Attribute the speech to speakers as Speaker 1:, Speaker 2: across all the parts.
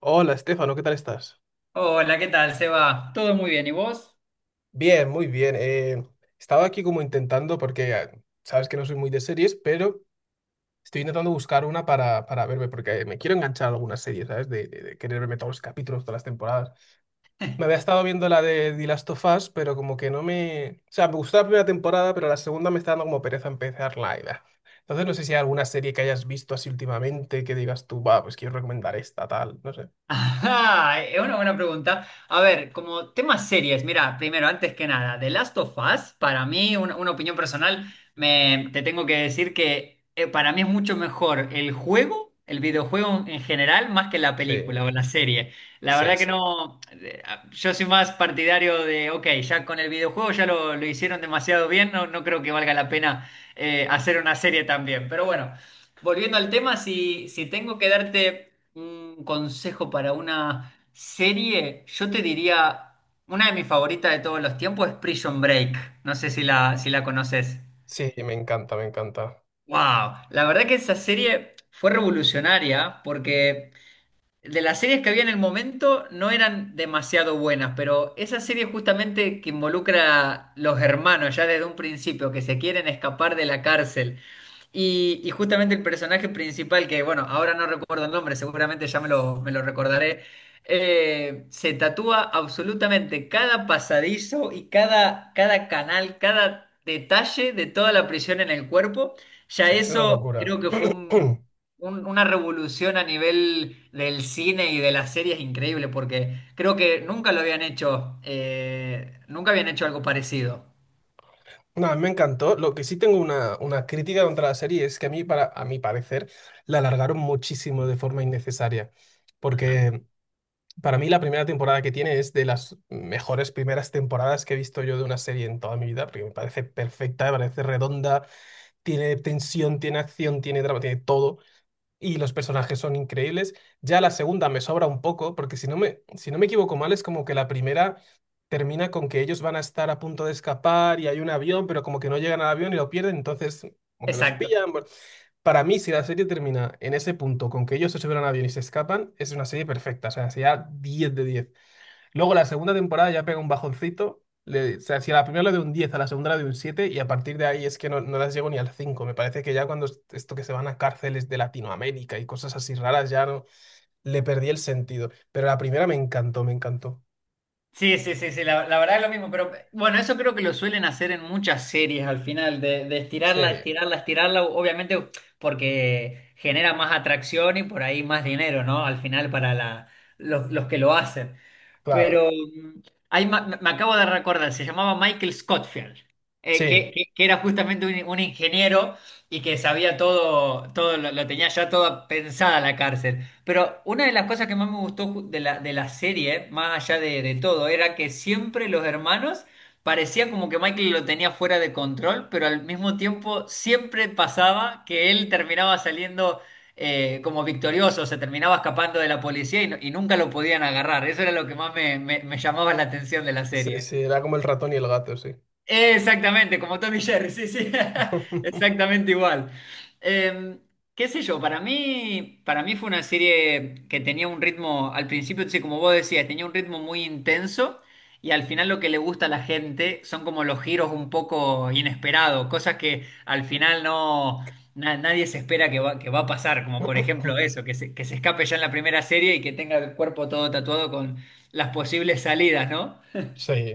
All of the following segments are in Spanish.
Speaker 1: Hola, Estefano, ¿qué tal estás?
Speaker 2: Hola, ¿qué tal, Seba? Todo muy bien, ¿y vos?
Speaker 1: Bien, muy bien. Estaba aquí como intentando, porque sabes que no soy muy de series, pero estoy intentando buscar una para verme, porque me quiero enganchar a alguna serie, ¿sabes? De querer verme todos los capítulos, todas las temporadas. Me había estado viendo la de The Last of Us, pero como que no me... O sea, me gustó la primera temporada, pero la segunda me está dando como pereza empezarla. Y, bah. Entonces no sé si hay alguna serie que hayas visto así últimamente que digas tú, va, pues quiero recomendar esta, tal, no sé.
Speaker 2: Ajá, es una buena pregunta. A ver, como temas series, mira, primero, antes que nada, The Last of Us, para mí, una opinión personal, te tengo que decir que para mí es mucho mejor el juego, el videojuego en general, más que la
Speaker 1: Sí,
Speaker 2: película o la serie. La
Speaker 1: sí,
Speaker 2: verdad que
Speaker 1: sí.
Speaker 2: no, yo soy más partidario de, ok, ya con el videojuego ya lo hicieron demasiado bien, no, no creo que valga la pena hacer una serie también. Pero bueno, volviendo al tema, si tengo que darte un consejo para una serie, yo te diría, una de mis favoritas de todos los tiempos es Prison Break. No sé si si la conoces.
Speaker 1: Sí, me encanta, me encanta.
Speaker 2: ¡Wow! La verdad que esa serie fue revolucionaria porque de las series que había en el momento no eran demasiado buenas, pero esa serie justamente que involucra a los hermanos ya desde un principio, que se quieren escapar de la cárcel y justamente el personaje principal, que bueno, ahora no recuerdo el nombre, seguramente ya me lo recordaré, se tatúa absolutamente cada pasadizo y cada, cada canal, cada detalle de toda la prisión en el cuerpo. Ya
Speaker 1: Sí, es una
Speaker 2: eso creo
Speaker 1: locura.
Speaker 2: que fue una revolución a nivel del cine y de las series increíble, porque creo que nunca lo habían hecho, nunca habían hecho algo parecido.
Speaker 1: No, a mí me encantó. Lo que sí tengo una crítica contra la serie es que a mí, a mi parecer, la alargaron muchísimo de forma innecesaria.
Speaker 2: Ajá.
Speaker 1: Porque para mí la primera temporada que tiene es de las mejores primeras temporadas que he visto yo de una serie en toda mi vida, porque me parece perfecta, me parece redonda, tiene tensión, tiene acción, tiene drama, tiene todo. Y los personajes son increíbles. Ya la segunda me sobra un poco, porque si no me equivoco mal, es como que la primera termina con que ellos van a estar a punto de escapar y hay un avión, pero como que no llegan al avión y lo pierden, entonces como que los
Speaker 2: Exacto.
Speaker 1: pillan. Bueno, para mí, si la serie termina en ese punto, con que ellos se suben al avión y se escapan, es una serie perfecta, o sea, sería 10 de 10. Luego la segunda temporada ya pega un bajoncito. O sea, si a la primera le doy un 10, a la segunda le doy un 7, y a partir de ahí es que no, no las llego ni al 5. Me parece que ya cuando esto que se van a cárceles de Latinoamérica y cosas así raras ya no le perdí el sentido. Pero la primera me encantó, me encantó.
Speaker 2: Sí, sí, sí, sí, la verdad es lo mismo, pero bueno, eso creo que lo suelen hacer en muchas series al final, de
Speaker 1: Sí,
Speaker 2: estirarla, estirarla, estirarla, obviamente porque genera más atracción y por ahí más dinero, ¿no? Al final para la, los que lo hacen.
Speaker 1: claro.
Speaker 2: Pero me acabo de recordar, se llamaba Michael Scottfield,
Speaker 1: Sí,
Speaker 2: que era justamente un ingeniero y que sabía todo, todo lo tenía ya toda pensada la cárcel. Pero una de las cosas que más me gustó de de la serie, más allá de todo, era que siempre los hermanos parecía como que Michael lo tenía fuera de control, pero al mismo tiempo siempre pasaba que él terminaba saliendo como victorioso, se terminaba escapando de la policía y, y nunca lo podían agarrar. Eso era lo que más me, me llamaba la atención de la
Speaker 1: sí, sí,
Speaker 2: serie.
Speaker 1: era como el ratón y el gato, sí.
Speaker 2: Exactamente, como Tommy Jerry, sí, sí, exactamente igual. Eh, qué sé yo, para mí fue una serie que tenía un ritmo, al principio, sí, como vos decías, tenía un ritmo muy intenso y al final lo que le gusta a la gente son como los giros un poco inesperados, cosas que al final no, nadie se espera que va a pasar, como por ejemplo eso, que se escape ya en la primera serie y que tenga el cuerpo todo tatuado con las posibles salidas, ¿no?
Speaker 1: Sí,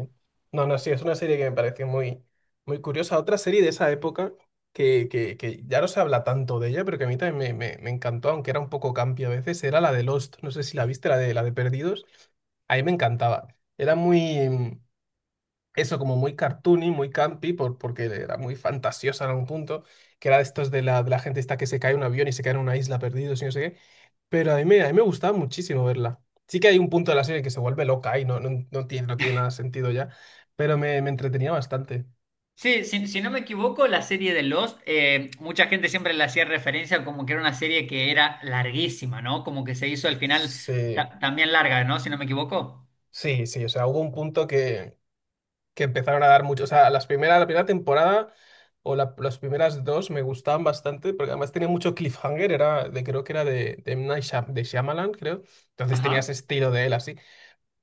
Speaker 1: no, no, sí, es una serie que me pareció muy curiosa. Otra serie de esa época que ya no se habla tanto de ella, pero que a mí también me encantó, aunque era un poco campi a veces, era la de Lost. No sé si la viste, la de Perdidos. A mí me encantaba. Era muy, eso como muy cartoony, muy campy porque era muy fantasiosa en algún punto, que era de estos de la gente esta que se cae en un avión y se cae en una isla perdidos y no sé qué, pero a mí me gustaba muchísimo verla. Sí que hay un punto de la serie que se vuelve loca y no, no, no tiene, no tiene nada de sentido ya, pero me entretenía bastante.
Speaker 2: Sí, si, si no me equivoco, la serie de Lost, mucha gente siempre le hacía referencia como que era una serie que era larguísima, ¿no? Como que se hizo al final
Speaker 1: Sí,
Speaker 2: también larga, ¿no? Si no me equivoco.
Speaker 1: sí, sí, o sea, hubo un punto que empezaron a dar mucho. O sea, la primera temporada o las primeras dos me gustaban bastante, porque además tenía mucho cliffhanger, era de, creo que era M. Night Shyam- de Shyamalan, creo. Entonces tenía
Speaker 2: Ajá.
Speaker 1: ese estilo de él así.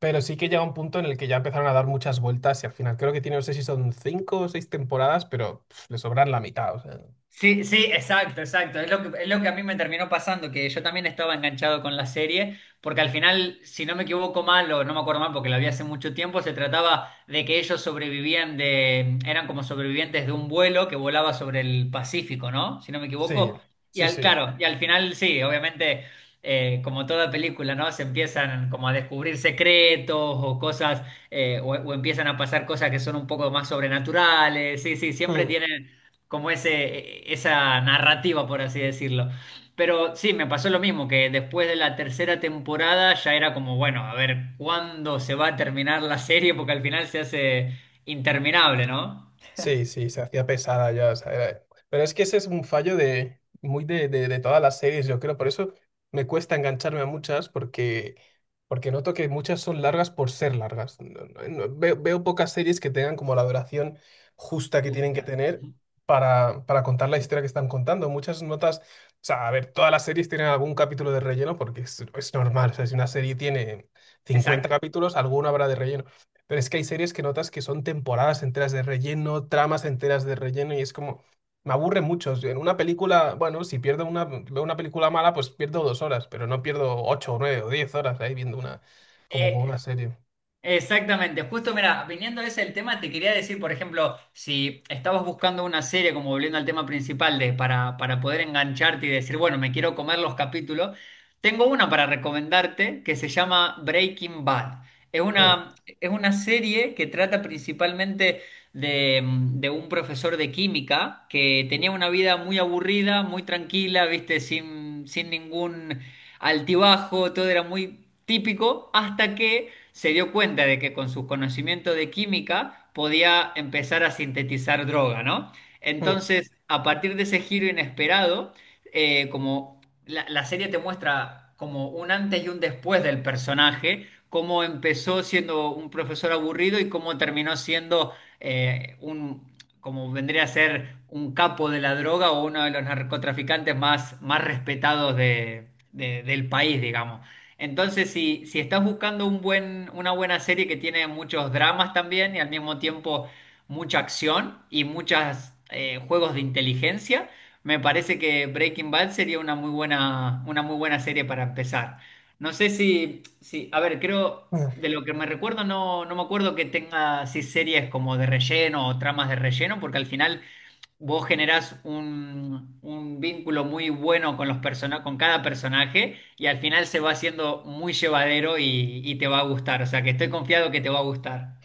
Speaker 1: Pero sí que llega un punto en el que ya empezaron a dar muchas vueltas y al final creo que tiene, no sé si son cinco o seis temporadas, pero pf, le sobran la mitad. O sea,
Speaker 2: Sí, sí, exacto, exacto. Es lo que a mí me terminó pasando, que yo también estaba enganchado con la serie, porque al final, si no me equivoco mal, o no me acuerdo mal porque la vi hace mucho tiempo, se trataba de que ellos sobrevivían de, eran como sobrevivientes de un vuelo que volaba sobre el Pacífico, ¿no? Si no me
Speaker 1: sí,
Speaker 2: equivoco. Y
Speaker 1: sí,
Speaker 2: al,
Speaker 1: sí.
Speaker 2: claro, y al final sí, obviamente, como toda película, ¿no? Se empiezan como a descubrir secretos o cosas, o empiezan a pasar cosas que son un poco más sobrenaturales. Sí, sí, siempre tienen como ese, esa narrativa, por así decirlo. Pero sí, me pasó lo mismo, que después de la tercera temporada ya era como, bueno, a ver cuándo se va a terminar la serie, porque al final se hace interminable, ¿no?
Speaker 1: Sí, sí, se hacía pesada ya. O sea, pero es que ese es un fallo de muy de todas las series, yo creo. Por eso me cuesta engancharme a muchas, porque, porque noto que muchas son largas por ser largas. Veo, veo pocas series que tengan como la duración justa que tienen que
Speaker 2: Justa.
Speaker 1: tener para contar la historia que están contando. Muchas notas, o sea, a ver, todas las series tienen algún capítulo de relleno porque es normal. O sea, si una serie tiene cincuenta
Speaker 2: Exacto.
Speaker 1: capítulos, alguno habrá de relleno. Pero es que hay series que notas que son temporadas enteras de relleno, tramas enteras de relleno, y es como, me aburre mucho. En una película, bueno, si pierdo una, veo una película mala, pues pierdo 2 horas, pero no pierdo 8, o 9 o 10 horas ahí viendo una, como con una
Speaker 2: Eh,
Speaker 1: serie.
Speaker 2: exactamente, justo mira, viniendo a ese el tema, te quería decir, por ejemplo, si estabas buscando una serie, como volviendo al tema principal, de, para poder engancharte y decir, bueno, me quiero comer los capítulos, tengo una para recomendarte que se llama Breaking Bad. Es
Speaker 1: Mm,
Speaker 2: una, es una serie que trata principalmente de un profesor de química que tenía una vida muy aburrida, muy tranquila, viste, sin ningún altibajo, todo era muy típico, hasta que se dio cuenta de que con sus conocimientos de química podía empezar a sintetizar droga, ¿no?
Speaker 1: mm,
Speaker 2: Entonces, a partir de ese giro inesperado, como la serie te muestra como un antes y un después del personaje, cómo empezó siendo un profesor aburrido y cómo terminó siendo eh, un, como vendría a ser un capo de la droga o uno de los narcotraficantes más, más respetados del país, digamos. Entonces, si, si estás buscando un buen, una buena serie que tiene muchos dramas también y al mismo tiempo mucha acción y muchos juegos de inteligencia, me parece que Breaking Bad sería una muy buena serie para empezar. No sé si, si, a ver, creo,
Speaker 1: mm.
Speaker 2: de lo que me recuerdo, no, no me acuerdo que tenga así series como de relleno o tramas de relleno, porque al final vos generás un vínculo muy bueno con los con cada personaje y al final se va haciendo muy llevadero y te va a gustar. O sea que estoy confiado que te va a gustar.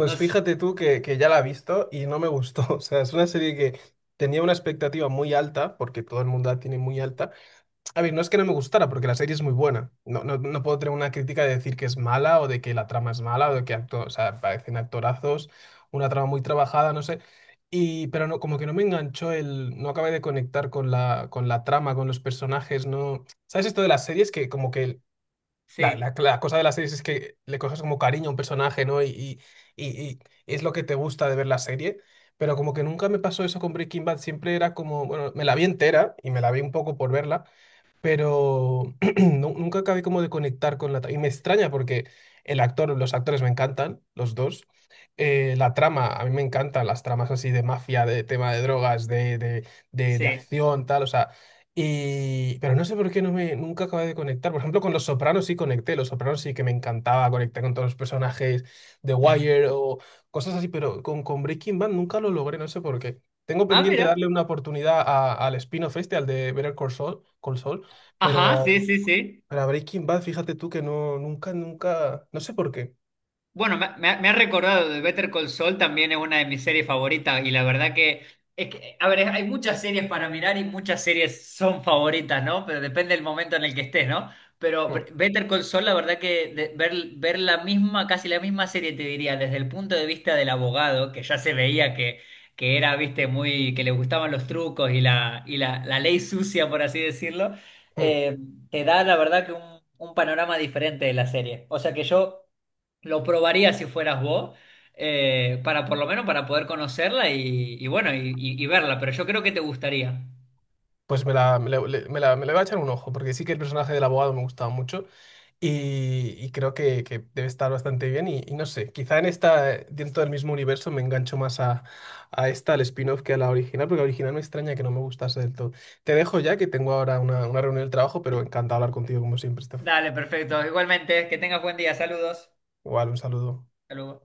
Speaker 2: No sé.
Speaker 1: fíjate tú que ya la he visto y no me gustó. O sea, es una serie que tenía una expectativa muy alta, porque todo el mundo la tiene muy alta. A ver, no es que no me gustara, porque la serie es muy buena. No, no, no puedo tener una crítica de decir que es mala o de que la trama es mala o de que acto, o sea, parecen actorazos, una trama muy trabajada, no sé. Y, pero no, como que no me enganchó el, no acabé de conectar con la trama, con los personajes, no. ¿Sabes esto de las series? Que como que
Speaker 2: Sí,
Speaker 1: la cosa de las series es que le coges como cariño a un personaje, ¿no? Y, y es lo que te gusta de ver la serie. Pero como que nunca me pasó eso con Breaking Bad, siempre era como, bueno, me la vi entera y me la vi un poco por verla, pero nunca acabé como de conectar con la... Y me extraña porque el actor, los actores me encantan, los dos. La trama, a mí me encantan las tramas así de mafia, de tema de drogas, de
Speaker 2: sí.
Speaker 1: acción, tal, o sea... Y... Pero no sé por qué no me, nunca acabé de conectar. Por ejemplo, con Los Sopranos sí conecté. Los Sopranos sí que me encantaba conectar con todos los personajes de Wire o cosas así, pero con Breaking Bad nunca lo logré, no sé por qué. Tengo
Speaker 2: Ah,
Speaker 1: pendiente
Speaker 2: mira.
Speaker 1: darle una oportunidad al spin-off este, al de Better Call Saul, Call Saul,
Speaker 2: Ajá, sí,
Speaker 1: pero
Speaker 2: sí, sí.
Speaker 1: para Breaking Bad, fíjate tú que no, nunca, nunca, no sé por qué.
Speaker 2: Bueno, me, me ha recordado de Better Call Saul, también es una de mis series favoritas y la verdad que, es que, a ver, hay muchas series para mirar y muchas series son favoritas, ¿no? Pero depende del momento en el que estés, ¿no? Pero
Speaker 1: Mm,
Speaker 2: Better Call Saul, la verdad que ver, ver la misma, casi la misma serie, te diría, desde el punto de vista del abogado, que ya se veía que era, viste, muy, que le gustaban los trucos y la ley sucia, por así decirlo,
Speaker 1: mm.
Speaker 2: eh, te da, la verdad que un panorama diferente de la serie. O sea que yo... Lo probaría si fueras vos, para por lo menos para poder conocerla y bueno, y verla, pero yo creo que te gustaría.
Speaker 1: Pues me la, le- me la- me le voy a echar un ojo, porque sí que el personaje del abogado me gustaba mucho y creo que debe estar bastante bien y no sé, quizá en esta, dentro del mismo universo me engancho más a esta, al spin-off, que a la original, porque la original me extraña que no me gustase del todo. Te dejo ya que tengo ahora una reunión del trabajo, pero encantado de hablar contigo como siempre, Estef.
Speaker 2: Dale, perfecto. Igualmente, que tengas buen día. Saludos.
Speaker 1: Igual, un saludo.
Speaker 2: Saludos.